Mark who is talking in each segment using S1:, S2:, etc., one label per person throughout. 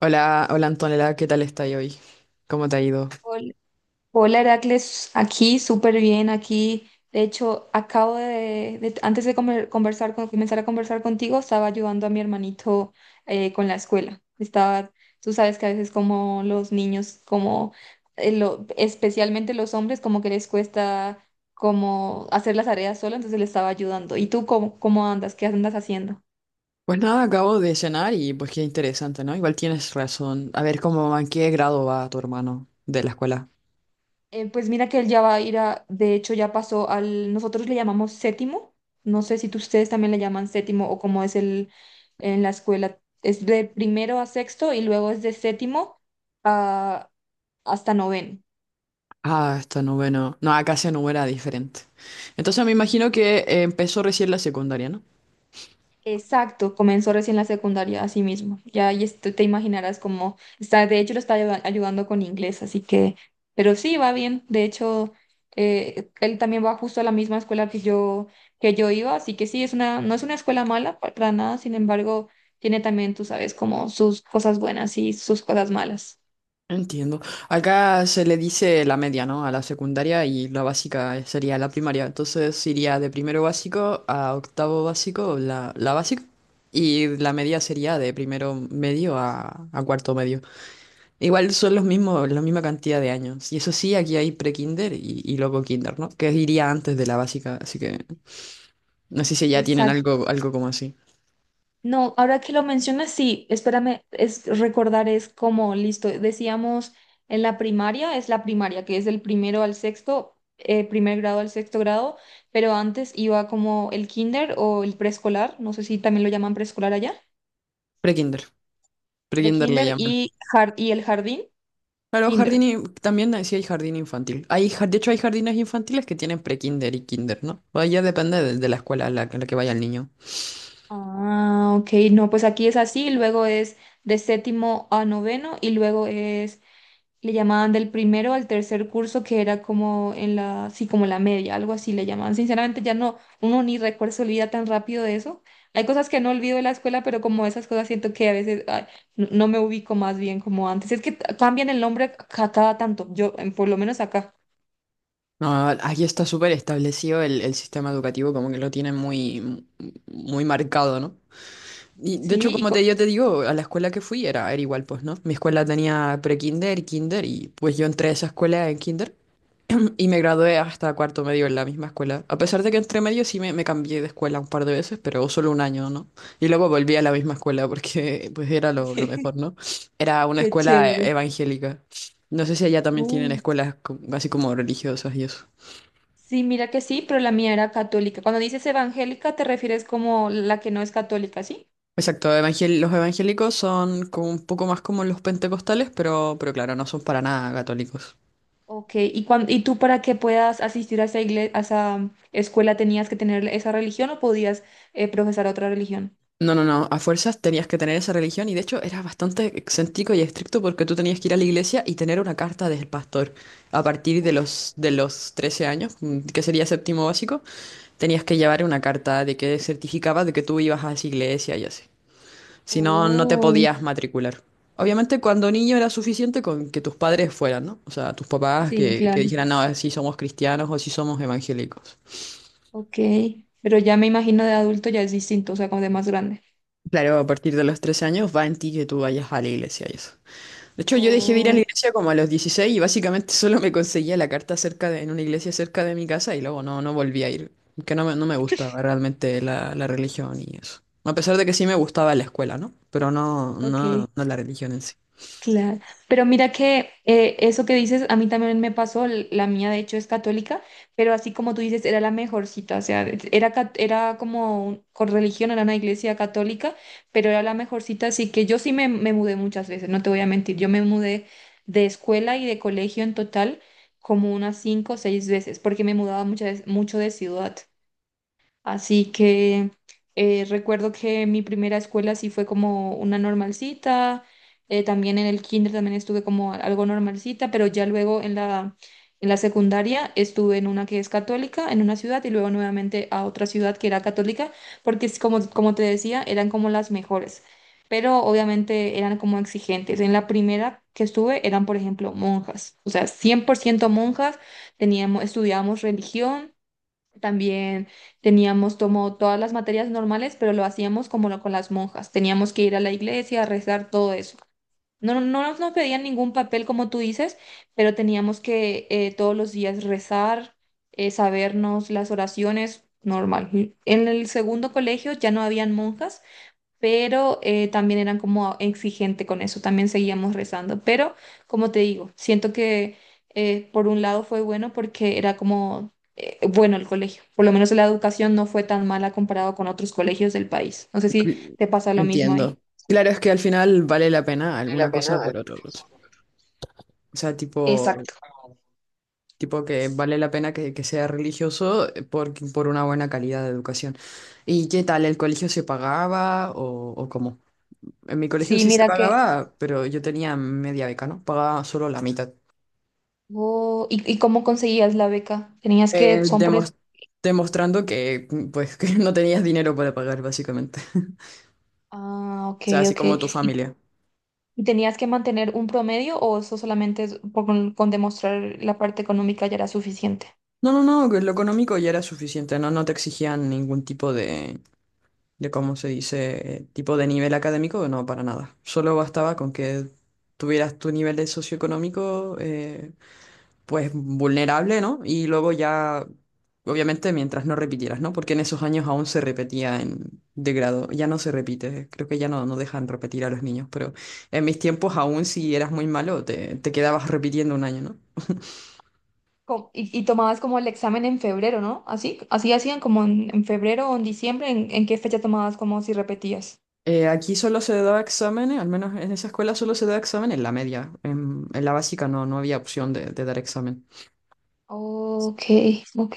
S1: Hola, hola Antonella, ¿qué tal estás hoy? ¿Cómo te ha ido?
S2: Hol- Hola Heracles, aquí súper bien, aquí. De hecho, antes de conversar comenzar a conversar contigo, estaba ayudando a mi hermanito con la escuela. Estaba, tú sabes que a veces como los niños, especialmente los hombres, como que les cuesta como hacer las tareas solo, entonces le estaba ayudando. ¿Y tú cómo andas? ¿Qué andas haciendo?
S1: Pues nada, acabo de cenar y pues qué interesante, ¿no? Igual tienes razón. A ver, ¿cómo, en qué grado va tu hermano de la escuela?
S2: Pues mira que él ya va a ir a, de hecho ya pasó nosotros le llamamos séptimo, no sé si ustedes también le llaman séptimo o cómo es el en la escuela, es de primero a sexto y luego es de séptimo a, hasta noveno.
S1: Ah, está noveno. No, acá se número era diferente. Entonces me imagino que empezó recién la secundaria, ¿no?
S2: Exacto, comenzó recién la secundaria, así mismo. Ya ahí te imaginarás cómo está, de hecho lo está ayudando con inglés, así que pero sí, va bien. De hecho, él también va justo a la misma escuela que yo, iba, así que sí, no es una escuela mala para nada, sin embargo, tiene también, tú sabes, como sus cosas buenas y sus cosas malas.
S1: Entiendo. Acá se le dice la media, ¿no? A la secundaria y la básica sería la primaria. Entonces iría de primero básico a octavo básico, la básica. Y la media sería de primero medio a cuarto medio. Igual son los mismos, la misma cantidad de años. Y eso sí, aquí hay pre-kinder y luego kinder, ¿no? Que iría antes de la básica. Así que no sé si ya tienen algo, algo como así.
S2: No, ahora que lo mencionas, sí, espérame, es recordar es como, listo, decíamos en la primaria, es la primaria, que es del primero al sexto, primer grado al sexto grado, pero antes iba como el kinder o el preescolar, no sé si también lo llaman preescolar allá,
S1: Pre-kinder. Pre-kinder le
S2: prekinder
S1: llaman.
S2: y, y el jardín,
S1: Claro, jardín,
S2: kinder.
S1: in- también decía hay jardín infantil. Hay, ja- de hecho, hay jardines infantiles que tienen pre-kinder y kinder, ¿no? O ya depende de la escuela a la que vaya el niño.
S2: Ah, ok, no, pues aquí es así, luego es de séptimo a noveno y luego es le llamaban del primero al tercer curso, que era como en la, sí, como la media, algo así le llamaban. Sinceramente, ya no, uno ni recuerda, se olvida tan rápido de eso. Hay cosas que no olvido de la escuela, pero como esas cosas siento que a veces ay, no me ubico más bien como antes. Es que cambian el nombre a cada tanto, yo, por lo menos acá.
S1: No, aquí está súper establecido el sistema educativo, como que lo tienen muy marcado, ¿no? Y de hecho,
S2: Sí.
S1: como te, yo te digo, a la escuela que fui era, era igual, pues, ¿no? Mi escuela tenía pre-kinder, kinder, y pues yo entré a esa escuela en kinder. Y me gradué hasta cuarto medio en la misma escuela. A pesar de que entre medio sí me cambié de escuela un par de veces, pero solo un año, ¿no? Y luego volví a la misma escuela porque pues era lo mejor, ¿no? Era una
S2: Qué
S1: escuela
S2: chévere.
S1: evangélica. No sé si allá también tienen
S2: Uh,
S1: escuelas co- así como religiosas y eso.
S2: Sí, mira que sí, pero la mía era católica. Cuando dices evangélica, te refieres como la que no es católica, ¿sí?
S1: Exacto, evangel- los evangélicos son como un poco más como los pentecostales, pero claro, no son para nada católicos.
S2: Ok, ¿Y tú para que puedas asistir a esa, a esa escuela tenías que tener esa religión o podías profesar otra religión?
S1: No, no, no, a fuerzas tenías que tener esa religión y de hecho era bastante excéntrico y estricto porque tú tenías que ir a la iglesia y tener una carta del pastor. A partir
S2: Uf.
S1: de los 13 años, que sería séptimo básico, tenías que llevar una carta de que certificaba de que tú ibas a esa iglesia y así. Si no, no te
S2: Oh,
S1: podías matricular. Obviamente cuando niño era suficiente con que tus padres fueran, ¿no? O sea, tus papás
S2: sí,
S1: que
S2: claro.
S1: dijeran, no, si somos cristianos o si somos evangélicos.
S2: Ok, pero ya me imagino de adulto ya es distinto, o sea, como de más grande.
S1: Claro, a partir de los 13 años va en ti que tú vayas a la iglesia y eso. De hecho, yo dejé de ir a la
S2: Oh,
S1: iglesia como a los 16 y básicamente solo me conseguía la carta cerca de, en una iglesia cerca de mi casa y luego no, no volví a ir. Que no me, no me gustaba realmente la religión y eso. A pesar de que sí me gustaba la escuela, ¿no? Pero no,
S2: ok.
S1: no, no la religión en sí.
S2: Claro, pero mira que eso que dices, a mí también me pasó, la mía de hecho es católica, pero así como tú dices, era la mejor cita, o sea, era, cat- era como un- con religión, era una iglesia católica, pero era la mejor cita, así que yo sí me mudé muchas veces, no te voy a mentir, yo me mudé de escuela y de colegio en total como unas cinco o seis veces, porque me mudaba muchas mucho de ciudad. Así que recuerdo que mi primera escuela sí fue como una normalcita, también en el kinder también estuve como algo normalcita, pero ya luego en la secundaria estuve en una que es católica, en una ciudad y luego nuevamente a otra ciudad que era católica, porque es como, como te decía, eran como las mejores, pero obviamente eran como exigentes. En la primera que estuve eran, por ejemplo, monjas, o sea, 100% monjas, teníamos, estudiábamos religión también teníamos como todas las materias normales, pero lo hacíamos como lo con las monjas. Teníamos que ir a la iglesia a rezar todo eso. No, no, no nos pedían ningún papel, como tú dices, pero teníamos que todos los días rezar, sabernos las oraciones, normal. En el segundo colegio ya no habían monjas pero también eran como exigente con eso, también seguíamos rezando. Pero, como te digo, siento que por un lado fue bueno porque era como bueno el colegio, por lo menos la educación no fue tan mala comparado con otros colegios del país. No sé si
S1: Cl-
S2: te pasa lo mismo ahí.
S1: Entiendo. Claro, es que al final vale la pena alguna cosa por otra. Cosa. O sea, tipo,
S2: Exacto.
S1: tipo que vale la pena que sea religioso por una buena calidad de educación. ¿Y qué tal? ¿El colegio se pagaba o cómo? En mi colegio
S2: Sí,
S1: sí se
S2: mira que...
S1: pagaba, pero yo tenía media beca, ¿no? Pagaba solo la mitad.
S2: Oh, y cómo conseguías la beca? ¿Tenías
S1: Eh,
S2: que... son por...
S1: demos- demostrando que, pues, que no tenías dinero para pagar, básicamente.
S2: Ah, ok,
S1: O sea, así
S2: ok.
S1: como tu
S2: ¿Y,
S1: familia.
S2: y tenías que mantener un promedio o eso solamente es con demostrar la parte económica ya era suficiente?
S1: No, no, no, que lo económico ya era suficiente, ¿no? No te exigían ningún tipo de, ¿cómo se dice? Tipo de nivel académico, no, para nada. Solo bastaba con que tuvieras tu nivel de socioeconómico, pues vulnerable, ¿no? Y luego ya, obviamente, mientras no repitieras, ¿no? Porque en esos años aún se repetía en, de grado, ya no se repite, creo que ya no, no dejan repetir a los niños, pero en mis tiempos aún si eras muy malo te, te quedabas repitiendo un año, ¿no?
S2: Y tomabas como el examen en febrero, ¿no? Así, así hacían como en febrero o en diciembre, ¿en qué fecha tomabas como si repetías?
S1: Aquí solo se daba exámenes, al menos en esa escuela solo se daba examen en la media, en la básica no, no había opción de dar examen.
S2: Ok, ok.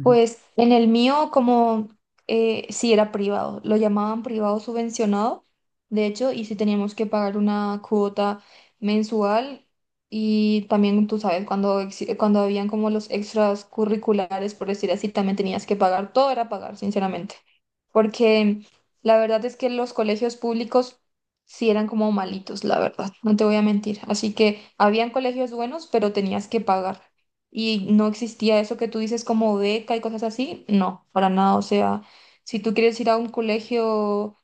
S2: Pues en el mío, como sí era privado, lo llamaban privado subvencionado, de hecho, y sí teníamos que pagar una cuota mensual y también, tú sabes, cuando, cuando habían como los extras curriculares, por decir así, también tenías que pagar, todo era pagar, sinceramente, porque la verdad es que los colegios públicos sí eran como malitos, la verdad, no te voy a mentir. Así que habían colegios buenos, pero tenías que pagar. Y no existía eso que tú dices como beca y cosas así. No, para nada. O sea, si tú quieres ir a un colegio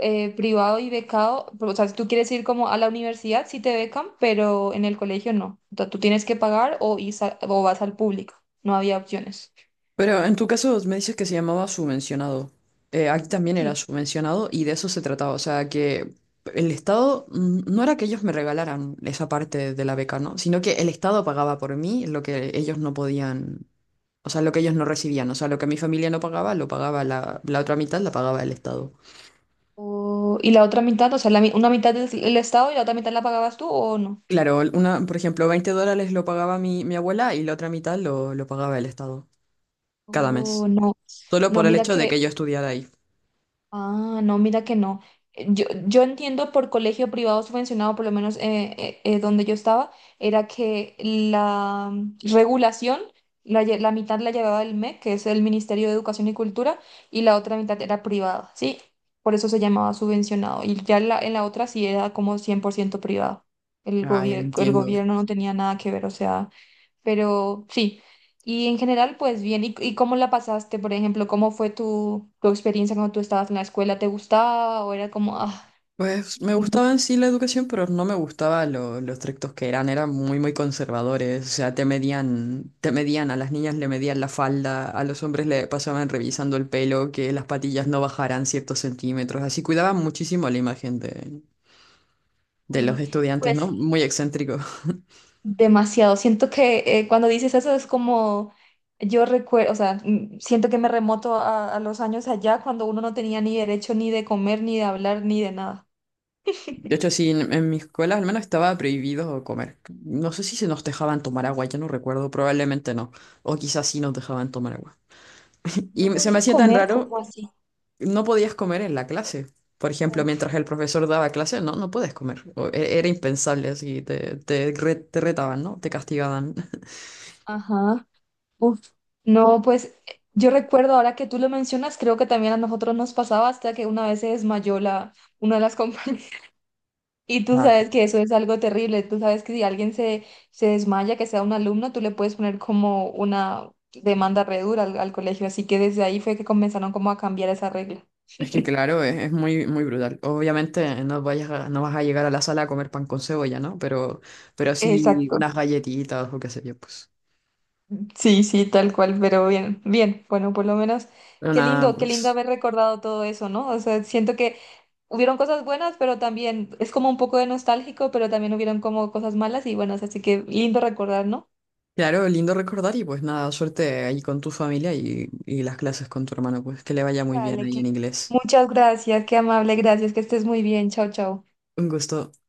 S2: privado y becado, o sea, si tú quieres ir como a la universidad, sí te becan, pero en el colegio no. O sea, tú tienes que pagar o, ir o vas al público. No había opciones.
S1: Pero en tu caso me dices que se llamaba subvencionado. Aquí también era
S2: Sí.
S1: subvencionado y de eso se trataba. O sea, que el Estado no era que ellos me regalaran esa parte de la beca, ¿no? Sino que el Estado pagaba por mí lo que ellos no podían, o sea, lo que ellos no recibían. O sea, lo que mi familia no pagaba, lo pagaba la otra mitad, la pagaba el Estado.
S2: Y la otra mitad, o sea, la una mitad del, el Estado y la otra mitad la pagabas tú o no.
S1: Claro, una, por ejemplo, 20 dólares lo pagaba mi, mi abuela y la otra mitad lo pagaba el Estado cada
S2: Oh,
S1: mes.
S2: no.
S1: Solo
S2: No,
S1: por el
S2: mira
S1: hecho de
S2: que
S1: que yo estudiara ahí.
S2: Ah, no, mira que no. Yo entiendo por colegio privado subvencionado, por lo menos donde yo estaba, era que la regulación, la mitad la llevaba el MEC, que es el Ministerio de Educación y Cultura, y la otra mitad era privada, ¿sí? Por eso se llamaba subvencionado. Y ya en la otra sí era como 100% privado.
S1: Ah, ya
S2: El
S1: entiendo.
S2: gobierno no tenía nada que ver, o sea, pero sí. Y en general, pues bien, ¿y, cómo la pasaste? Por ejemplo, ¿cómo fue tu experiencia cuando tú estabas en la escuela? ¿Te gustaba o era como, ah,
S1: Pues me gustaba
S2: mucho,
S1: en sí la educación, pero no me gustaba lo estrictos que eran, eran muy muy conservadores, o sea, te medían, a las niñas le medían la falda, a los hombres le pasaban revisando el pelo, que las patillas no bajaran ciertos centímetros, así cuidaban muchísimo la imagen de los
S2: uy,
S1: estudiantes,
S2: pues
S1: ¿no? Muy excéntrico.
S2: demasiado? Siento que cuando dices eso es como, yo recuerdo, o sea, siento que me remoto a los años allá cuando uno no tenía ni derecho ni de comer, ni de hablar, ni de nada.
S1: De hecho, sí, en mi escuela al menos estaba prohibido comer. No sé si se nos dejaban tomar agua, ya no recuerdo, probablemente no, o quizás sí nos dejaban tomar agua.
S2: ¿No
S1: Y se me
S2: podían
S1: hacía tan
S2: comer,
S1: raro
S2: como así?
S1: no podías comer en la clase. Por ejemplo,
S2: Uf,
S1: mientras el profesor daba clase, no, no puedes comer. O e- Era impensable, así te, te re- te retaban, ¿no? Te castigaban.
S2: ajá. Uf, no, pues yo recuerdo ahora que tú lo mencionas, creo que también a nosotros nos pasaba hasta que una vez se desmayó una de las compañeras. Y tú
S1: Ah,
S2: sabes que eso es algo terrible. Tú sabes que si alguien se desmaya, que sea un alumno, tú le puedes poner como una demanda re dura al colegio. Así que desde ahí fue que comenzaron como a cambiar esa regla.
S1: es que claro, es muy, muy brutal. Obviamente no vayas a- no vas a llegar a la sala a comer pan con cebolla, ¿no? Pero sí
S2: Exacto.
S1: unas galletitas o qué sé yo, pues.
S2: Sí, sí, tal cual, pero bien, bien. Bueno, por lo menos,
S1: Pero nada,
S2: qué lindo
S1: pues.
S2: haber recordado todo eso, ¿no? O sea, siento que hubieron cosas buenas, pero también es como un poco de nostálgico, pero también hubieron como cosas malas y buenas, así que lindo recordar, ¿no?
S1: Claro, lindo recordar y pues nada, suerte ahí con tu familia y las clases con tu hermano, pues que le vaya muy bien
S2: Dale,
S1: ahí en inglés.
S2: muchas gracias, qué amable, gracias, que estés muy bien, chao, chao.
S1: Un gusto.